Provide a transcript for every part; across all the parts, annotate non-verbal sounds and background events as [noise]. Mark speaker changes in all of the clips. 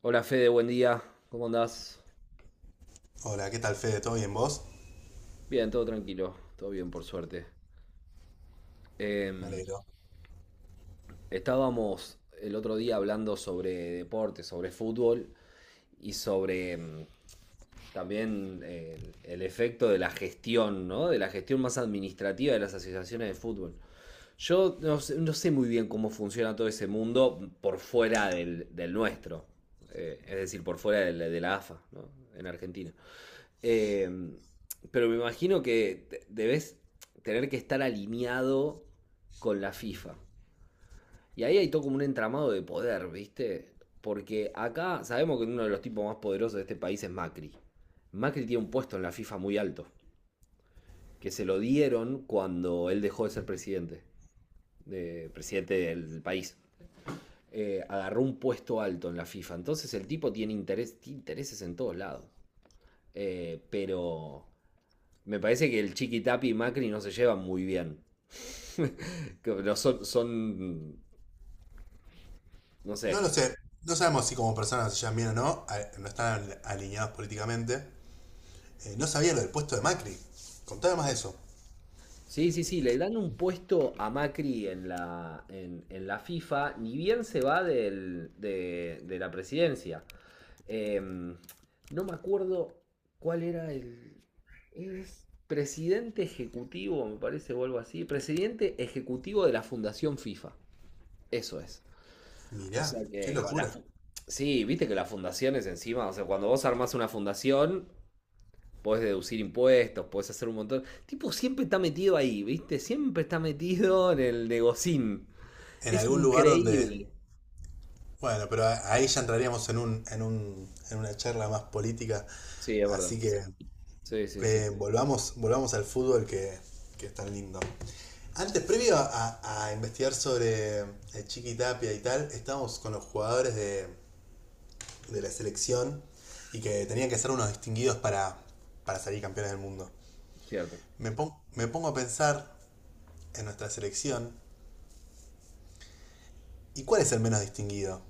Speaker 1: Hola Fede, buen día. ¿Cómo andás?
Speaker 2: Hola, ¿qué tal Fede? ¿Todo bien vos?
Speaker 1: Bien, todo tranquilo, todo bien por suerte.
Speaker 2: Me
Speaker 1: Em,
Speaker 2: alegro.
Speaker 1: Estábamos el otro día hablando sobre deporte, sobre fútbol y sobre también el efecto de la gestión, ¿no? De la gestión más administrativa de las asociaciones de fútbol. Yo no sé muy bien cómo funciona todo ese mundo por fuera del nuestro, es decir, por fuera de la AFA, ¿no? En Argentina. Eh, pero me imagino que debes tener que estar alineado con la FIFA. Y ahí hay todo como un entramado de poder, ¿viste? Porque acá sabemos que uno de los tipos más poderosos de este país es Macri. Macri tiene un puesto en la FIFA muy alto, que se lo dieron cuando él dejó de ser presidente, presidente del país. Agarró un puesto alto en la FIFA. Entonces el tipo tiene interés, tiene intereses en todos lados. Eh, pero Me parece que el Chiqui Tapi y Macri no se llevan muy bien. Que no son. No
Speaker 2: No
Speaker 1: sé.
Speaker 2: lo sé, no sabemos si como personas se llevan bien o no, no están alineados políticamente. No sabía lo del puesto de Macri. Contame más de eso.
Speaker 1: Sí, sí, sí, le dan un puesto a Macri en la FIFA, ni bien se va de la presidencia. Em, no me acuerdo cuál era el. Es presidente ejecutivo, me parece, o algo así. Presidente ejecutivo de la Fundación FIFA. Eso es. O sea
Speaker 2: Mirá, qué
Speaker 1: que con la
Speaker 2: locura.
Speaker 1: sí, viste que las fundaciones encima, o sea, cuando vos armás una fundación, podés deducir impuestos, podés hacer un montón. Tipo, siempre está metido ahí, ¿viste? Siempre está metido en el negocín.
Speaker 2: En
Speaker 1: Es
Speaker 2: algún lugar donde...
Speaker 1: increíble.
Speaker 2: Bueno, pero ahí ya entraríamos en un, en una charla más política.
Speaker 1: Sí, es verdad.
Speaker 2: Así que
Speaker 1: Sí, sí, sí, sí,
Speaker 2: volvamos al fútbol que es tan lindo. Antes, previo a investigar sobre Chiqui Tapia y tal, estábamos con los jugadores de la selección y que tenían que ser unos distinguidos para salir campeones del mundo.
Speaker 1: cierto.
Speaker 2: Me pongo a pensar en nuestra selección y cuál es el menos distinguido.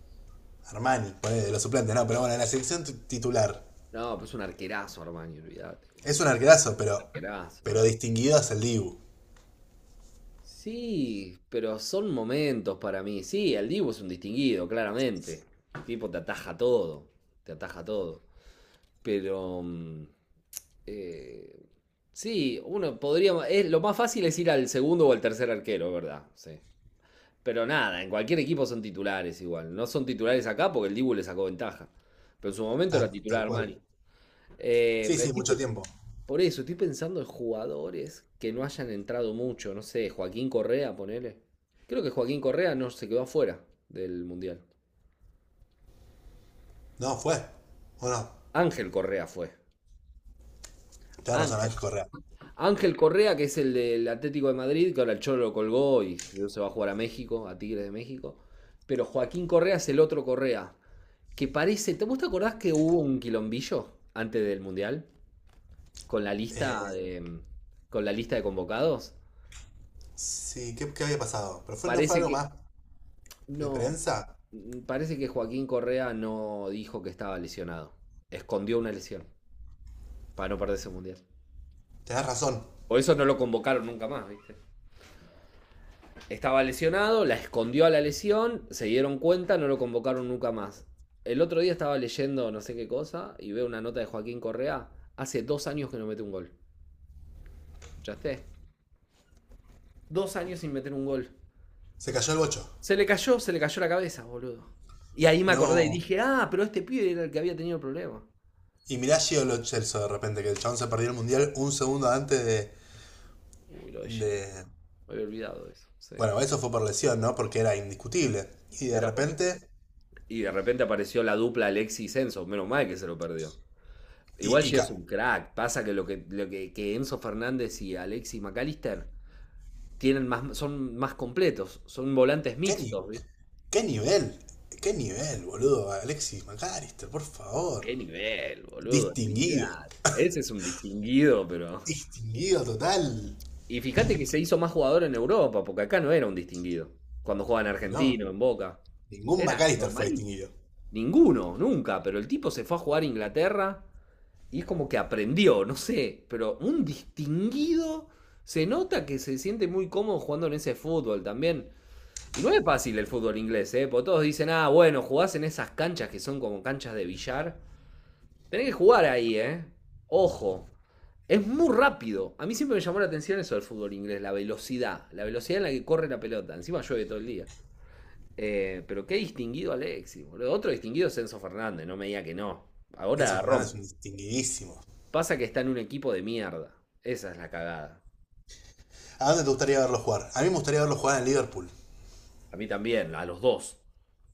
Speaker 2: Armani, ponele, de los suplentes, no, pero bueno, en la selección titular.
Speaker 1: No, pues un arquerazo, Armani, olvídate. Un
Speaker 2: Es un arquerazo,
Speaker 1: arquerazo.
Speaker 2: pero distinguido es el Dibu.
Speaker 1: Sí, pero son momentos para mí. Sí, el Divo es un distinguido, claramente. El tipo te ataja todo, te ataja todo. Pero Eh, sí, uno podría. Lo más fácil es ir al segundo o al tercer arquero, ¿verdad? Sí. Pero nada, en cualquier equipo son titulares igual. No son titulares acá porque el Dibu le sacó ventaja. Pero en su momento era
Speaker 2: Tal,
Speaker 1: titular
Speaker 2: tal cual.
Speaker 1: Armani. Eh,
Speaker 2: Sí,
Speaker 1: pero
Speaker 2: sí,
Speaker 1: estoy
Speaker 2: mucho
Speaker 1: pe-
Speaker 2: tiempo.
Speaker 1: por eso, estoy pensando en jugadores que no hayan entrado mucho. No sé, Joaquín Correa, ponele. Creo que Joaquín Correa no se quedó afuera del Mundial.
Speaker 2: No, fue. Bueno,
Speaker 1: Ángel Correa fue.
Speaker 2: tenés razón,
Speaker 1: Ángel.
Speaker 2: Ángel Correa.
Speaker 1: Ángel Correa, que es el del Atlético de Madrid, que ahora el Cholo lo colgó y se va a jugar a México, a Tigres de México. Pero Joaquín Correa es el otro Correa, que parece. ¿Vos te acordás que hubo un quilombillo antes del Mundial? Con la lista
Speaker 2: Eh,
Speaker 1: de. Con la lista de convocados.
Speaker 2: sí, ¿qué, qué había pasado? ¿Pero fue, no fue
Speaker 1: Parece
Speaker 2: algo
Speaker 1: que.
Speaker 2: más de
Speaker 1: No.
Speaker 2: prensa?
Speaker 1: Parece que Joaquín Correa no dijo que estaba lesionado. Escondió una lesión para no perderse el Mundial.
Speaker 2: Tenés razón.
Speaker 1: Por eso no lo convocaron nunca más, ¿viste? Estaba lesionado, la escondió a la lesión, se dieron cuenta, no lo convocaron nunca más. El otro día estaba leyendo no sé qué cosa y veo una nota de Joaquín Correa. Hace dos años que no mete un gol. ¿Escuchaste? Dos años sin meter un gol.
Speaker 2: Se cayó el bocho.
Speaker 1: Se le cayó la cabeza, boludo. Y ahí me acordé y
Speaker 2: No.
Speaker 1: dije, ah, pero este pibe era el que había tenido el problema.
Speaker 2: Y mirá Gio Lo Celso de repente, que el chabón se perdió el mundial un segundo antes de,
Speaker 1: Uy, lo de Gio.
Speaker 2: de-
Speaker 1: Me había olvidado de eso. Sí.
Speaker 2: Bueno, eso fue por lesión, ¿no? Porque era indiscutible. Y de
Speaker 1: Era por la.
Speaker 2: repente.
Speaker 1: Y de repente apareció la dupla Alexis y Enzo. Menos mal que se lo perdió. Igual
Speaker 2: Y, y
Speaker 1: Gio es
Speaker 2: ca-
Speaker 1: un crack. Pasa que Enzo Fernández y Alexis Mac Allister tienen más, son más completos, son volantes
Speaker 2: ¿Qué,
Speaker 1: mixtos, ¿viste?
Speaker 2: ¿Qué nivel? ¿Qué nivel, boludo? Alexis McAllister, por favor.
Speaker 1: Qué nivel, boludo,
Speaker 2: Distinguido.
Speaker 1: olvidate. Ese es un distinguido, pero.
Speaker 2: Distinguido total.
Speaker 1: Y fíjate que se hizo más jugador en Europa, porque acá no era un distinguido. Cuando jugaba en
Speaker 2: No,
Speaker 1: Argentino, en Boca.
Speaker 2: ningún
Speaker 1: Era
Speaker 2: McAllister fue
Speaker 1: normalito.
Speaker 2: distinguido.
Speaker 1: Ninguno, nunca, pero el tipo se fue a jugar a Inglaterra y es como que aprendió, no sé, pero un distinguido se nota que se siente muy cómodo jugando en ese fútbol también. Y no es fácil el fútbol inglés, ¿eh? Porque todos dicen, ah, bueno, jugás en esas canchas que son como canchas de billar. Tenés que jugar ahí, ¿eh? Ojo, es muy rápido. A mí siempre me llamó la atención eso del fútbol inglés, la velocidad en la que corre la pelota. Encima llueve todo el día. Pero qué distinguido Alexis, boludo. Otro distinguido es Enzo Fernández, no me diga que no.
Speaker 2: Enzo
Speaker 1: Ahora
Speaker 2: Fernández es
Speaker 1: rompe.
Speaker 2: un distinguidísimo.
Speaker 1: Pasa que está en un equipo de mierda. Esa es la cagada.
Speaker 2: ¿A dónde te gustaría verlo jugar? A mí me gustaría verlo jugar en Liverpool.
Speaker 1: A mí también, a los dos.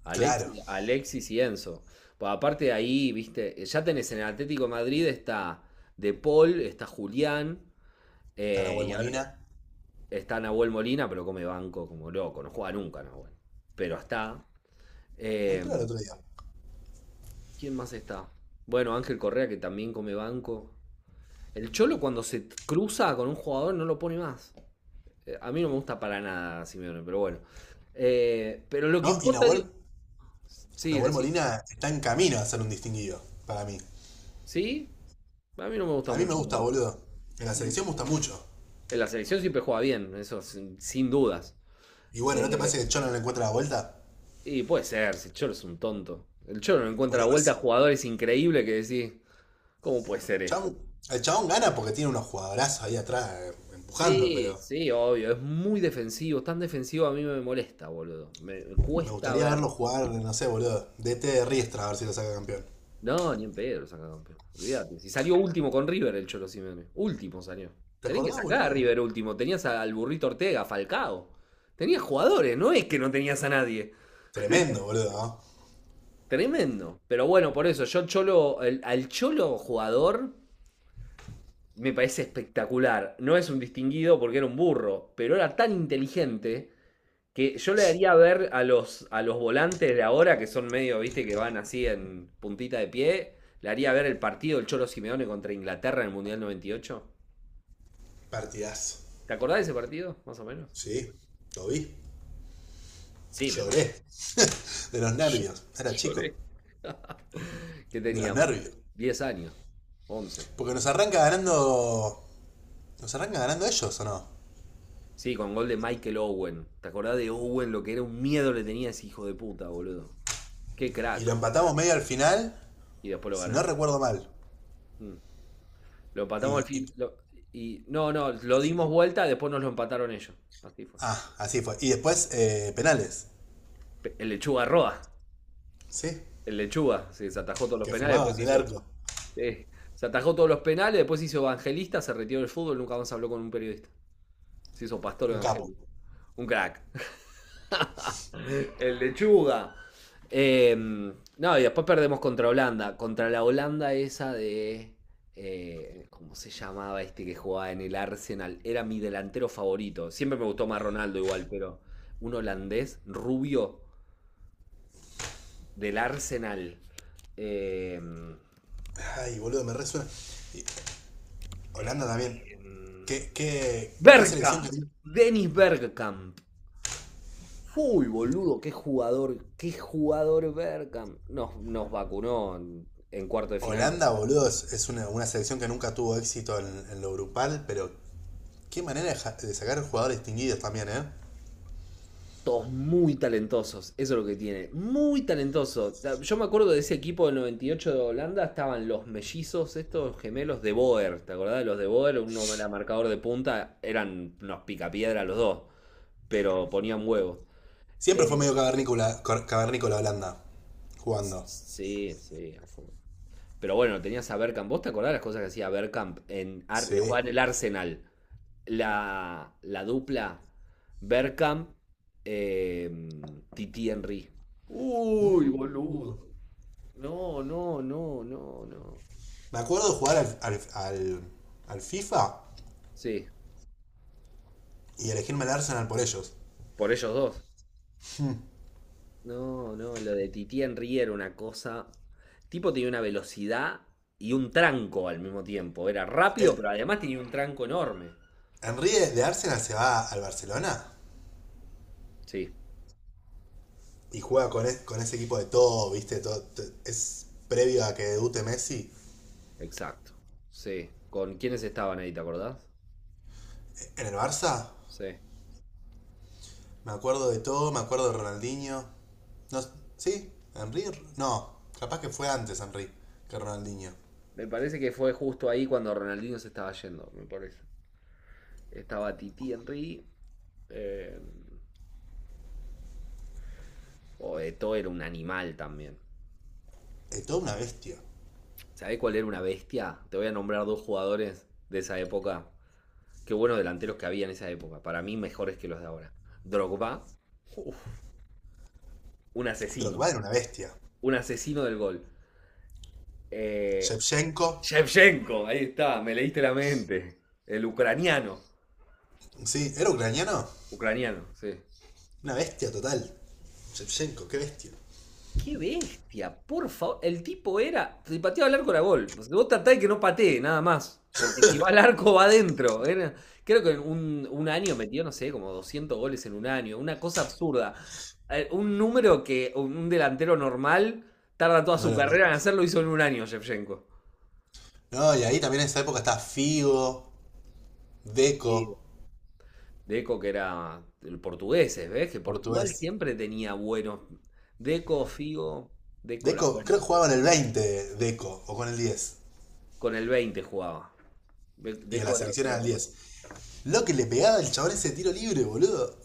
Speaker 2: Claro.
Speaker 1: A Alexis y Enzo. Pues aparte de ahí, viste, ya tenés en el Atlético de Madrid está De Paul, está Julián,
Speaker 2: Está Nahuel
Speaker 1: y ahora
Speaker 2: Molina.
Speaker 1: está Nahuel Molina, pero come banco como loco, no juega nunca Nahuel. Pero está. Eh,
Speaker 2: Entró el otro día.
Speaker 1: ¿Quién más está? Bueno, Ángel Correa que también come banco. El Cholo cuando se cruza con un jugador no lo pone más. A mí no me gusta para nada Simeone, pero bueno. Pero lo que
Speaker 2: No, y
Speaker 1: importa, digo,
Speaker 2: Nahuel
Speaker 1: sí, es
Speaker 2: Nahuel
Speaker 1: decir,
Speaker 2: Molina está en camino a ser un distinguido, para mí.
Speaker 1: sí, a mí no me gusta
Speaker 2: A mí me
Speaker 1: mucho
Speaker 2: gusta,
Speaker 1: Nahuel.
Speaker 2: boludo. En la
Speaker 1: En
Speaker 2: selección me gusta mucho.
Speaker 1: la selección siempre juega bien, eso sin dudas.
Speaker 2: Y bueno, ¿no te
Speaker 1: Eh,
Speaker 2: parece que el Chon no le encuentra la vuelta?
Speaker 1: y puede ser, si el Cholo es un tonto. El Cholo no encuentra
Speaker 2: Por
Speaker 1: la vuelta a
Speaker 2: eso.
Speaker 1: jugadores increíbles que decís, ¿cómo puede ser esto?
Speaker 2: Chabón- el chabón gana porque tiene unos jugadorazos ahí atrás empujando,
Speaker 1: Sí,
Speaker 2: pero
Speaker 1: sí, obvio, es muy defensivo, tan defensivo a mí me molesta, boludo. Me
Speaker 2: me
Speaker 1: cuesta
Speaker 2: gustaría
Speaker 1: ver.
Speaker 2: verlo jugar, no sé, boludo. DT de Riestra, a ver si lo saca campeón.
Speaker 1: No, ni en pedo lo saca campeón. Olvídate. Si salió último con River el Cholo Simeone. Último salió.
Speaker 2: ¿Te
Speaker 1: Tenés que
Speaker 2: acordás,
Speaker 1: sacar a
Speaker 2: boludo?
Speaker 1: River último. Tenías al burrito Ortega, Falcao. Tenías jugadores, no es que no tenías a nadie.
Speaker 2: Tremendo, boludo, ¿no?
Speaker 1: Tremendo. Pero bueno, por eso, yo Cholo, al Cholo jugador me parece espectacular. No es un distinguido porque era un burro, pero era tan inteligente que yo le daría a ver a los volantes de ahora, que son medio, viste, que van así en puntita de pie. Le haría ver el partido del Cholo Simeone contra Inglaterra en el Mundial 98.
Speaker 2: Partidazo.
Speaker 1: ¿Te acordás de ese partido, más o menos?
Speaker 2: Sí, lo vi.
Speaker 1: Sí,
Speaker 2: Lloré. De los
Speaker 1: yo-
Speaker 2: nervios. Era chico.
Speaker 1: lloré. ¿Qué
Speaker 2: De los
Speaker 1: teníamos?
Speaker 2: nervios.
Speaker 1: 10 años, 11.
Speaker 2: Porque nos arranca ganando. ¿Nos arranca ganando ellos o no?
Speaker 1: Sí, con gol de Michael Owen. ¿Te acordás de Owen? Lo que era un miedo le tenía a ese hijo de puta, boludo. Qué
Speaker 2: Y lo
Speaker 1: crack.
Speaker 2: empatamos medio al final,
Speaker 1: Y después lo
Speaker 2: si no
Speaker 1: ganamos.
Speaker 2: recuerdo mal.
Speaker 1: Mm. Lo empatamos al
Speaker 2: Y, y-
Speaker 1: fin. Y no, no, lo
Speaker 2: y
Speaker 1: dimos vuelta, después nos lo empataron ellos. Así fue.
Speaker 2: ah, así fue. Y después penales.
Speaker 1: El lechuga Roa.
Speaker 2: Sí,
Speaker 1: El lechuga. Sí, se atajó todos los
Speaker 2: que
Speaker 1: penales,
Speaker 2: fumaba
Speaker 1: después
Speaker 2: del
Speaker 1: hizo.
Speaker 2: arco.
Speaker 1: Sí, se atajó todos los penales, después hizo evangelista, se retiró del fútbol, nunca más habló con un periodista. Se hizo pastor
Speaker 2: Un capo.
Speaker 1: evangélico. Un crack. [laughs] El lechuga. No, y después perdemos contra Holanda. Contra la Holanda esa de. ¿Cómo se llamaba este que jugaba en el Arsenal? Era mi delantero favorito. Siempre me gustó más Ronaldo igual, pero un holandés rubio del Arsenal. Em,
Speaker 2: Ay, boludo, me resuena. Y Holanda
Speaker 1: Em,
Speaker 2: también. ¿Qué, qué, qué selección que...
Speaker 1: Bergkamp,
Speaker 2: tiene?
Speaker 1: Dennis Bergkamp. Uy, boludo, qué jugador Bergkamp. Nos, nos vacunó en, cuarto de final.
Speaker 2: Holanda, boludo, es una selección que nunca tuvo éxito en lo grupal, pero qué manera de, de sacar jugadores distinguidos también, ¿eh?
Speaker 1: Todos muy talentosos, eso es lo que tiene. Muy talentoso. Yo me acuerdo de ese equipo del 98 de Holanda, estaban los mellizos, estos gemelos de Boer. ¿Te acordás de los de Boer? Uno era marcador de punta, eran unos picapiedra los dos, pero ponían huevos. Eh,
Speaker 2: Siempre fue medio cavernícola, cavernícola Holanda, jugando.
Speaker 1: sí, sí, a full. Pero bueno, tenías a Bergkamp. ¿Vos te acordás las cosas que hacía Bergkamp en,
Speaker 2: Sí.
Speaker 1: jugaba en el Arsenal? La dupla Bergkamp, eh, Titi Henry. Uy,
Speaker 2: Mm.
Speaker 1: boludo. No, no, no, no, no.
Speaker 2: Me acuerdo jugar al, al FIFA
Speaker 1: Sí,
Speaker 2: y elegirme al Arsenal por ellos.
Speaker 1: por ellos dos. No, no, lo de Titi Henry era una cosa. Tipo tenía una velocidad y un tranco al mismo tiempo. Era
Speaker 2: El,
Speaker 1: rápido, pero además tenía un tranco enorme.
Speaker 2: Henry de, Arsenal se va al Barcelona
Speaker 1: Sí,
Speaker 2: y juega con, con ese equipo de todo, ¿viste? Todo, es previo a que debute Messi.
Speaker 1: exacto. Sí. ¿Con quiénes estaban ahí, te acordás?
Speaker 2: En el Barça,
Speaker 1: Sí.
Speaker 2: me acuerdo de todo, me acuerdo de Ronaldinho. No, ¿sí? ¿Henry? No, capaz que fue antes Henry que Ronaldinho.
Speaker 1: Me parece que fue justo ahí cuando Ronaldinho se estaba yendo, me parece. Estaba Titi Henry. Eh, o Eto'o era un animal también.
Speaker 2: De todo una bestia.
Speaker 1: ¿Sabés cuál era una bestia? Te voy a nombrar dos jugadores de esa época. Qué buenos delanteros que había en esa época. Para mí, mejores que los de ahora. Drogba, uf, un asesino.
Speaker 2: Drogba era una bestia.
Speaker 1: Un asesino del gol. Eh,
Speaker 2: Shevchenko,
Speaker 1: Shevchenko, ahí está, me leíste la mente. El ucraniano.
Speaker 2: sí, ¿era ucraniano?
Speaker 1: Ucraniano, sí.
Speaker 2: Una bestia total. Shevchenko, qué bestia.
Speaker 1: Qué bestia, por favor. El tipo era. Si pateaba al arco era gol. O sea, vos tratá de que no patee, nada más. Porque si va al arco, va adentro. Era, creo que en un año metió, no sé, como 200 goles en un año. Una cosa absurda. Un número que un delantero normal tarda toda
Speaker 2: No,
Speaker 1: su
Speaker 2: no, no.
Speaker 1: carrera en hacerlo, hizo en un año Shevchenko.
Speaker 2: No, y ahí también en esa época está Figo,
Speaker 1: Digo,
Speaker 2: Deco,
Speaker 1: Deco, que era el portugués, ¿ves? Que Portugal
Speaker 2: portugués.
Speaker 1: siempre tenía buenos. Deco, Figo, Deco era
Speaker 2: Deco,
Speaker 1: bueno.
Speaker 2: creo que jugaba en el 20, Deco, o con el diez.
Speaker 1: Con el 20 jugaba.
Speaker 2: Y en la
Speaker 1: Deco era,
Speaker 2: selección era
Speaker 1: era
Speaker 2: el
Speaker 1: con el.
Speaker 2: 10. Lo que le pegaba el chabón ese tiro libre, boludo.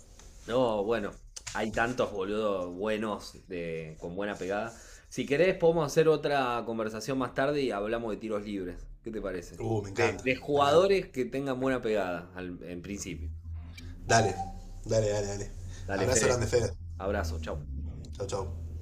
Speaker 1: No, bueno, hay tantos boludos buenos de, con buena pegada. Si querés, podemos hacer otra conversación más tarde y hablamos de tiros libres. ¿Qué te parece?
Speaker 2: Me encanta,
Speaker 1: De
Speaker 2: me encanta.
Speaker 1: jugadores que tengan buena pegada en principio.
Speaker 2: Dale, dale, dale, dale.
Speaker 1: Dale,
Speaker 2: Abrazo
Speaker 1: Fede.
Speaker 2: grande, Fede.
Speaker 1: Abrazo, chau.
Speaker 2: Chau, chau.